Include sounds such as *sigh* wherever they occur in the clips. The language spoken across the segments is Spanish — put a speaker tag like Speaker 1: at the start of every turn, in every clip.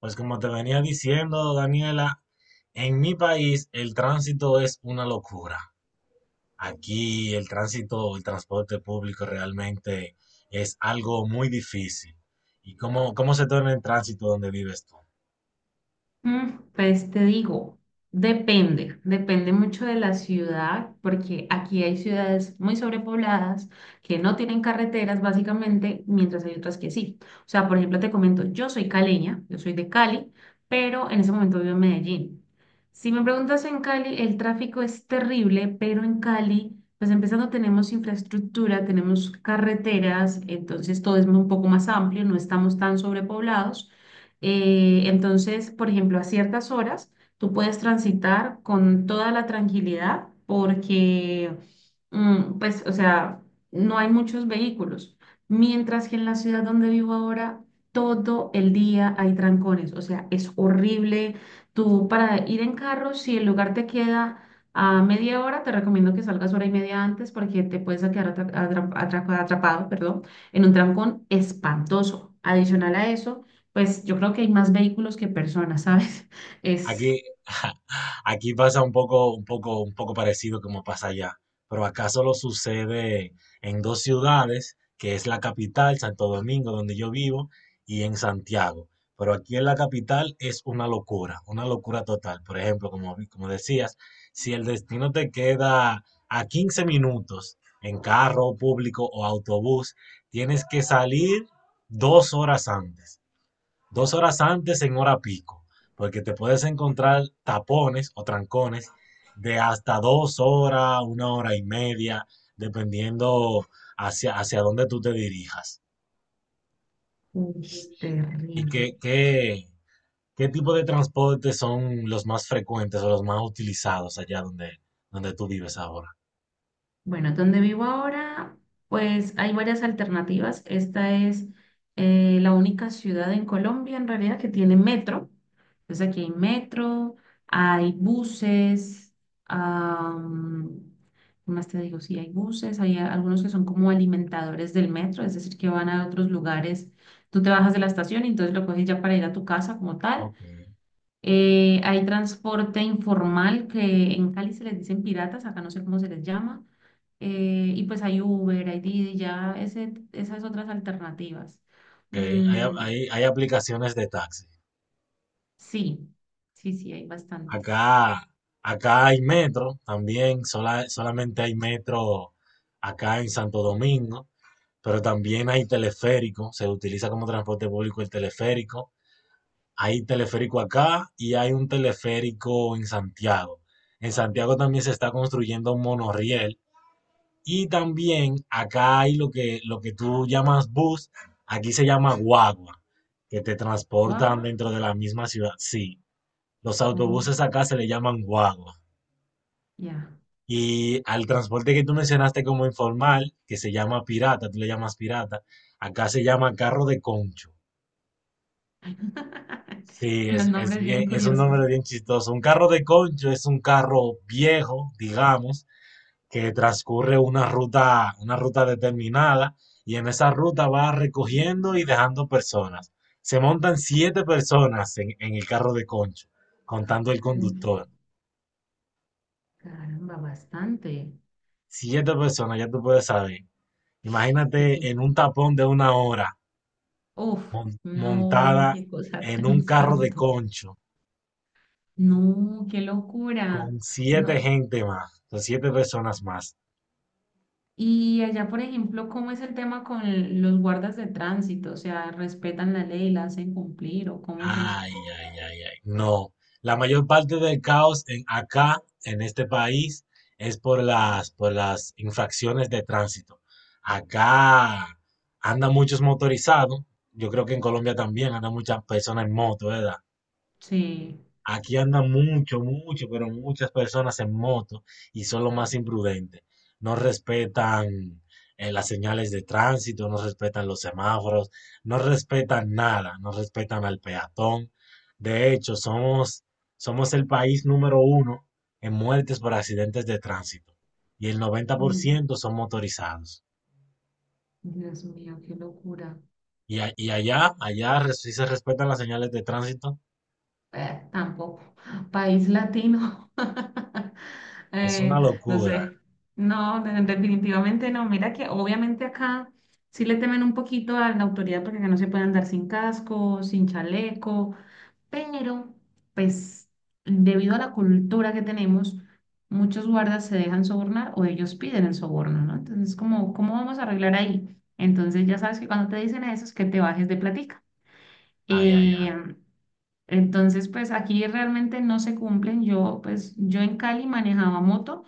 Speaker 1: Pues como te venía diciendo, Daniela, en mi país el tránsito es una locura. Aquí el transporte público realmente es algo muy difícil. ¿Y cómo se torna el tránsito donde vives tú?
Speaker 2: Pues te digo, depende mucho de la ciudad, porque aquí hay ciudades muy sobrepobladas que no tienen carreteras básicamente, mientras hay otras que sí. O sea, por ejemplo, te comento, yo soy caleña, yo soy de Cali, pero en ese momento vivo en Medellín. Si me preguntas en Cali, el tráfico es terrible, pero en Cali, pues empezando tenemos infraestructura, tenemos carreteras, entonces todo es un poco más amplio, no estamos tan sobrepoblados. Entonces, por ejemplo, a ciertas horas tú puedes transitar con toda la tranquilidad porque, pues, o sea, no hay muchos vehículos. Mientras que en la ciudad donde vivo ahora, todo el día hay trancones. O sea, es horrible. Tú para ir en carro, si el lugar te queda a media hora, te recomiendo que salgas hora y media antes porque te puedes quedar atrapado, perdón, en un trancón espantoso. Adicional a eso. Pues yo creo que hay más vehículos que personas, ¿sabes? *laughs* Es
Speaker 1: Aquí, *laughs* aquí pasa un poco parecido como pasa allá, pero acá solo sucede en dos ciudades, que es la capital, Santo Domingo, donde yo vivo, y en Santiago. Pero aquí en la capital es una locura total. Por ejemplo, como decías, si el destino te queda a 15 minutos en carro público o autobús, tienes que salir 2 horas antes en hora pico, porque te puedes encontrar tapones o trancones de hasta 2 horas, una hora y media, dependiendo hacia dónde tú te dirijas.
Speaker 2: uy,
Speaker 1: ¿Y
Speaker 2: terrible.
Speaker 1: qué tipo de transporte son los más frecuentes o los más utilizados allá donde tú vives ahora?
Speaker 2: Bueno, donde vivo ahora, pues hay varias alternativas. Esta es la única ciudad en Colombia, en realidad, que tiene metro. Entonces aquí hay metro, hay buses, am, ¿qué más te digo? Sí, hay buses, hay algunos que son como alimentadores del metro, es decir, que van a otros lugares. Tú te bajas de la estación y entonces lo coges ya para ir a tu casa como tal.
Speaker 1: Ok.
Speaker 2: Hay transporte informal que en Cali se les dicen piratas, acá no sé cómo se les llama. Y pues hay Uber, hay Didi, ya ese, esas otras alternativas.
Speaker 1: Ok. Hay,
Speaker 2: Mm,
Speaker 1: hay- hay aplicaciones de taxi.
Speaker 2: sí, sí, sí, hay bastantes.
Speaker 1: Acá, acá hay metro también, solamente hay metro acá en Santo Domingo. Pero también hay teleférico, se utiliza como transporte público el teleférico. Hay teleférico acá y hay un teleférico en Santiago. En Santiago también se está construyendo un monorriel, y también acá hay lo que tú llamas bus, aquí se llama guagua, que te transportan
Speaker 2: Guagua,
Speaker 1: dentro de la misma ciudad. Sí, los
Speaker 2: oh,
Speaker 1: autobuses acá se le llaman guagua.
Speaker 2: ya.
Speaker 1: Y al transporte que tú mencionaste como informal, que se llama pirata, tú le llamas pirata, acá se llama carro de concho. Sí,
Speaker 2: *laughs* Los nombres bien
Speaker 1: es un
Speaker 2: curiosos.
Speaker 1: nombre bien chistoso. Un carro de concho es un carro viejo, digamos, que transcurre una ruta determinada, y en esa ruta va recogiendo y dejando personas. Se montan siete personas en el carro de concho, contando el
Speaker 2: Uf,
Speaker 1: conductor.
Speaker 2: caramba, bastante.
Speaker 1: Siete personas, ya tú puedes saber. Imagínate
Speaker 2: Pequeño.
Speaker 1: en un tapón de una hora
Speaker 2: Uf, no,
Speaker 1: montada
Speaker 2: qué cosa *laughs*
Speaker 1: en
Speaker 2: tan
Speaker 1: un carro de
Speaker 2: espanto.
Speaker 1: concho
Speaker 2: No, qué locura. No.
Speaker 1: con siete personas más.
Speaker 2: Y allá, por ejemplo, ¿cómo es el tema con los guardas de tránsito? O sea, ¿respetan la ley, la hacen cumplir o cómo es eso?
Speaker 1: Ay, ay, ay, ay. No. La mayor parte del caos en este país, es por las infracciones de tránsito. Acá andan muchos motorizados. Yo creo que en Colombia también andan muchas personas en moto, ¿verdad?
Speaker 2: Sí.
Speaker 1: Aquí andan mucho, mucho, pero muchas personas en moto, y son lo más imprudentes. No respetan las señales de tránsito, no respetan los semáforos, no respetan nada, no respetan al peatón. De hecho, somos el país número uno en muertes por accidentes de tránsito, y el noventa por
Speaker 2: Uy,
Speaker 1: ciento son motorizados.
Speaker 2: Dios mío, qué locura.
Speaker 1: Y allá, sí se respetan las señales de tránsito.
Speaker 2: Tampoco. País latino. *laughs*
Speaker 1: Es
Speaker 2: Eh,
Speaker 1: una
Speaker 2: no
Speaker 1: locura.
Speaker 2: sé. No, definitivamente no. Mira que obviamente acá sí le temen un poquito a la autoridad porque acá no se puede andar sin casco, sin chaleco. Pero pues debido a la cultura que tenemos, muchos guardas se dejan sobornar o ellos piden el soborno, ¿no? Entonces, como, ¿cómo vamos a arreglar ahí? Entonces, ya sabes que cuando te dicen eso es que te bajes de platica.
Speaker 1: Ay, ay.
Speaker 2: Eh, entonces, pues aquí realmente no se cumplen. Yo, pues, yo en Cali manejaba moto,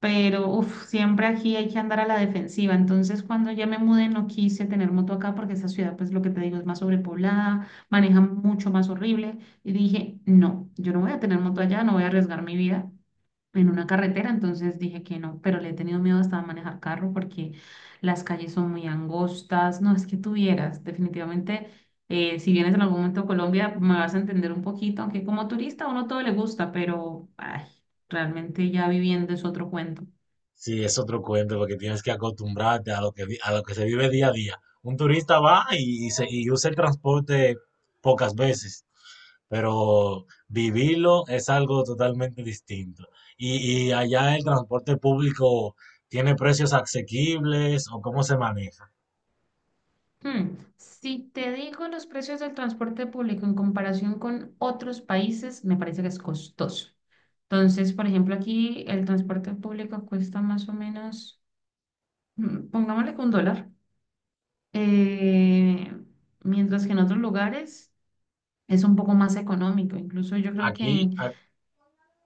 Speaker 2: pero uf, siempre aquí hay que andar a la defensiva. Entonces, cuando ya me mudé, no quise tener moto acá porque esta ciudad, pues lo que te digo, es más sobrepoblada, manejan mucho más horrible. Y dije, no, yo no voy a tener moto allá, no voy a arriesgar mi vida en una carretera. Entonces dije que no, pero le he tenido miedo hasta a manejar carro porque las calles son muy angostas. No, es que tuvieras, definitivamente. Si vienes en algún momento a Colombia, me vas a entender un poquito, aunque como turista a uno todo le gusta, pero ay, realmente ya viviendo es otro cuento.
Speaker 1: Sí, es otro cuento, porque tienes que acostumbrarte a lo que se vive día a día. Un turista va y usa el transporte pocas veces, pero vivirlo es algo totalmente distinto. Y allá el transporte público tiene precios asequibles, o cómo se maneja.
Speaker 2: Hmm, si te digo los precios del transporte público en comparación con otros países, me parece que es costoso. Entonces, por ejemplo, aquí el transporte público cuesta más o menos, pongámosle que un dólar, eh, mientras que en otros lugares es un poco más económico. Incluso yo creo que
Speaker 1: Aquí,
Speaker 2: en,
Speaker 1: a-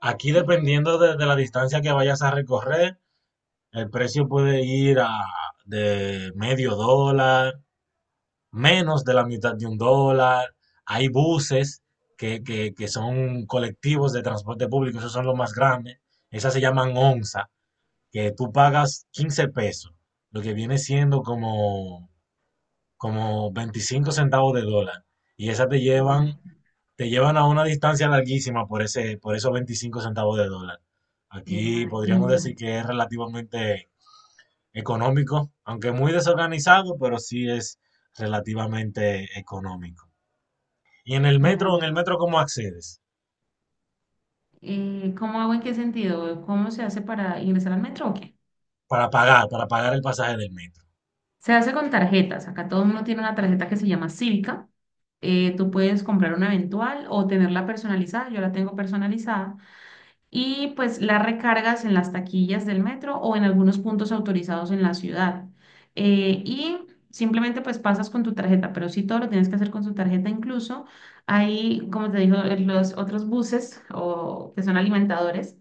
Speaker 1: aquí
Speaker 2: sí,
Speaker 1: dependiendo de la distancia que vayas a recorrer, el precio puede ir a de medio dólar menos de la mitad de un dólar. Hay buses que son colectivos de transporte público, esos son los más grandes. Esas se llaman onza, que tú pagas 15 pesos, lo que viene siendo como 25 centavos de dólar. Y esas te
Speaker 2: Ima-
Speaker 1: llevan, te llevan a una distancia larguísima por esos 25 centavos de dólar. Aquí podríamos decir
Speaker 2: imagínate,
Speaker 1: que es relativamente económico, aunque muy desorganizado, pero sí es relativamente económico. Y en el metro, en el
Speaker 2: caramba.
Speaker 1: metro, ¿cómo accedes?
Speaker 2: ¿Cómo hago en qué sentido? ¿Cómo se hace para ingresar al metro o qué?
Speaker 1: Para pagar el pasaje del metro.
Speaker 2: Se hace con tarjetas. Acá todo el mundo tiene una tarjeta que se llama Cívica. Tú puedes comprar una eventual o tenerla personalizada. Yo la tengo personalizada. Y pues la recargas en las taquillas del metro o en algunos puntos autorizados en la ciudad. Y simplemente pues pasas con tu tarjeta, pero sí todo lo tienes que hacer con su tarjeta. Incluso hay, como te digo, los otros buses o que son alimentadores.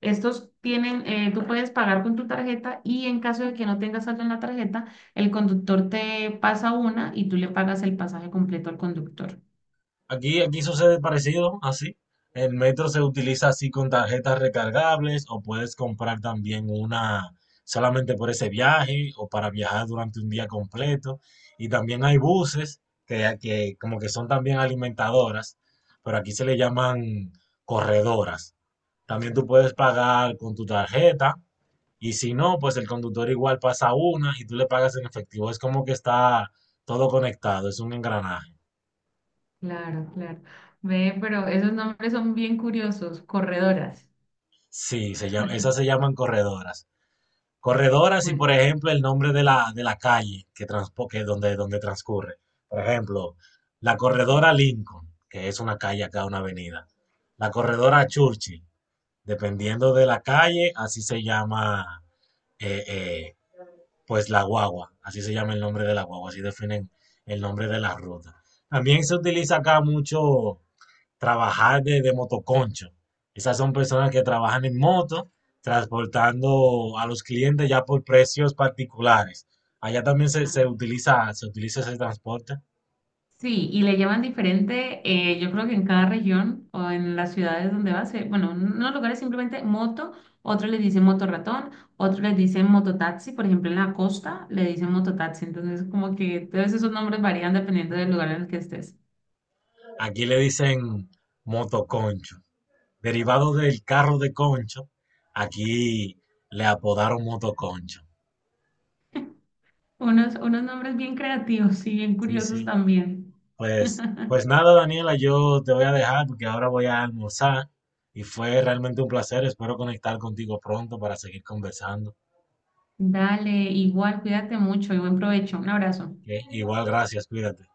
Speaker 2: Estos tienen, tú puedes pagar con tu tarjeta y en caso de que no tengas saldo en la tarjeta, el conductor te pasa una y tú le pagas el pasaje completo al conductor.
Speaker 1: Aquí sucede parecido, así. El metro se utiliza así con tarjetas recargables, o puedes comprar también una solamente por ese viaje o para viajar durante un día completo. Y también hay buses que como que son también alimentadoras, pero aquí se le llaman corredoras. También tú puedes pagar con tu tarjeta. Y si no, pues el conductor igual pasa una y tú le pagas en efectivo. Es como que está todo conectado, es un engranaje.
Speaker 2: Claro, claro. Ve, pero esos nombres son bien curiosos, corredoras.
Speaker 1: Sí, esas se llaman corredoras. Corredoras y,
Speaker 2: Bueno,
Speaker 1: por ejemplo, el nombre de la calle que donde transcurre. Por ejemplo, la corredora Lincoln, que es una calle acá, una avenida. La corredora Churchill, dependiendo de la calle, así se llama eh, eh, pues la guagua, así se llama el nombre de la guagua, así definen el nombre de la ruta. También se utiliza acá mucho trabajar de motoconcho. Esas son personas que trabajan en moto, transportando a los clientes ya por precios particulares. Allá también se utiliza ese transporte.
Speaker 2: sí, y le llaman diferente, yo creo que en cada región o en las ciudades donde vas, bueno, en unos lugares simplemente moto, otros les dicen motorratón, otros les dicen mototaxi, por ejemplo en la costa le dicen mototaxi, entonces como que todos esos nombres varían dependiendo del lugar en el que estés.
Speaker 1: Aquí le dicen motoconcho. Derivado del carro de concho, aquí le apodaron motoconcho.
Speaker 2: Unos, unos nombres bien creativos y bien
Speaker 1: Sí,
Speaker 2: curiosos
Speaker 1: sí.
Speaker 2: también.
Speaker 1: Pues nada, Daniela, yo te voy a dejar porque ahora voy a almorzar, y fue realmente un placer. Espero conectar contigo pronto para seguir conversando.
Speaker 2: Dale, igual, cuídate mucho y buen provecho. Un abrazo.
Speaker 1: ¿OK? Igual, gracias, cuídate.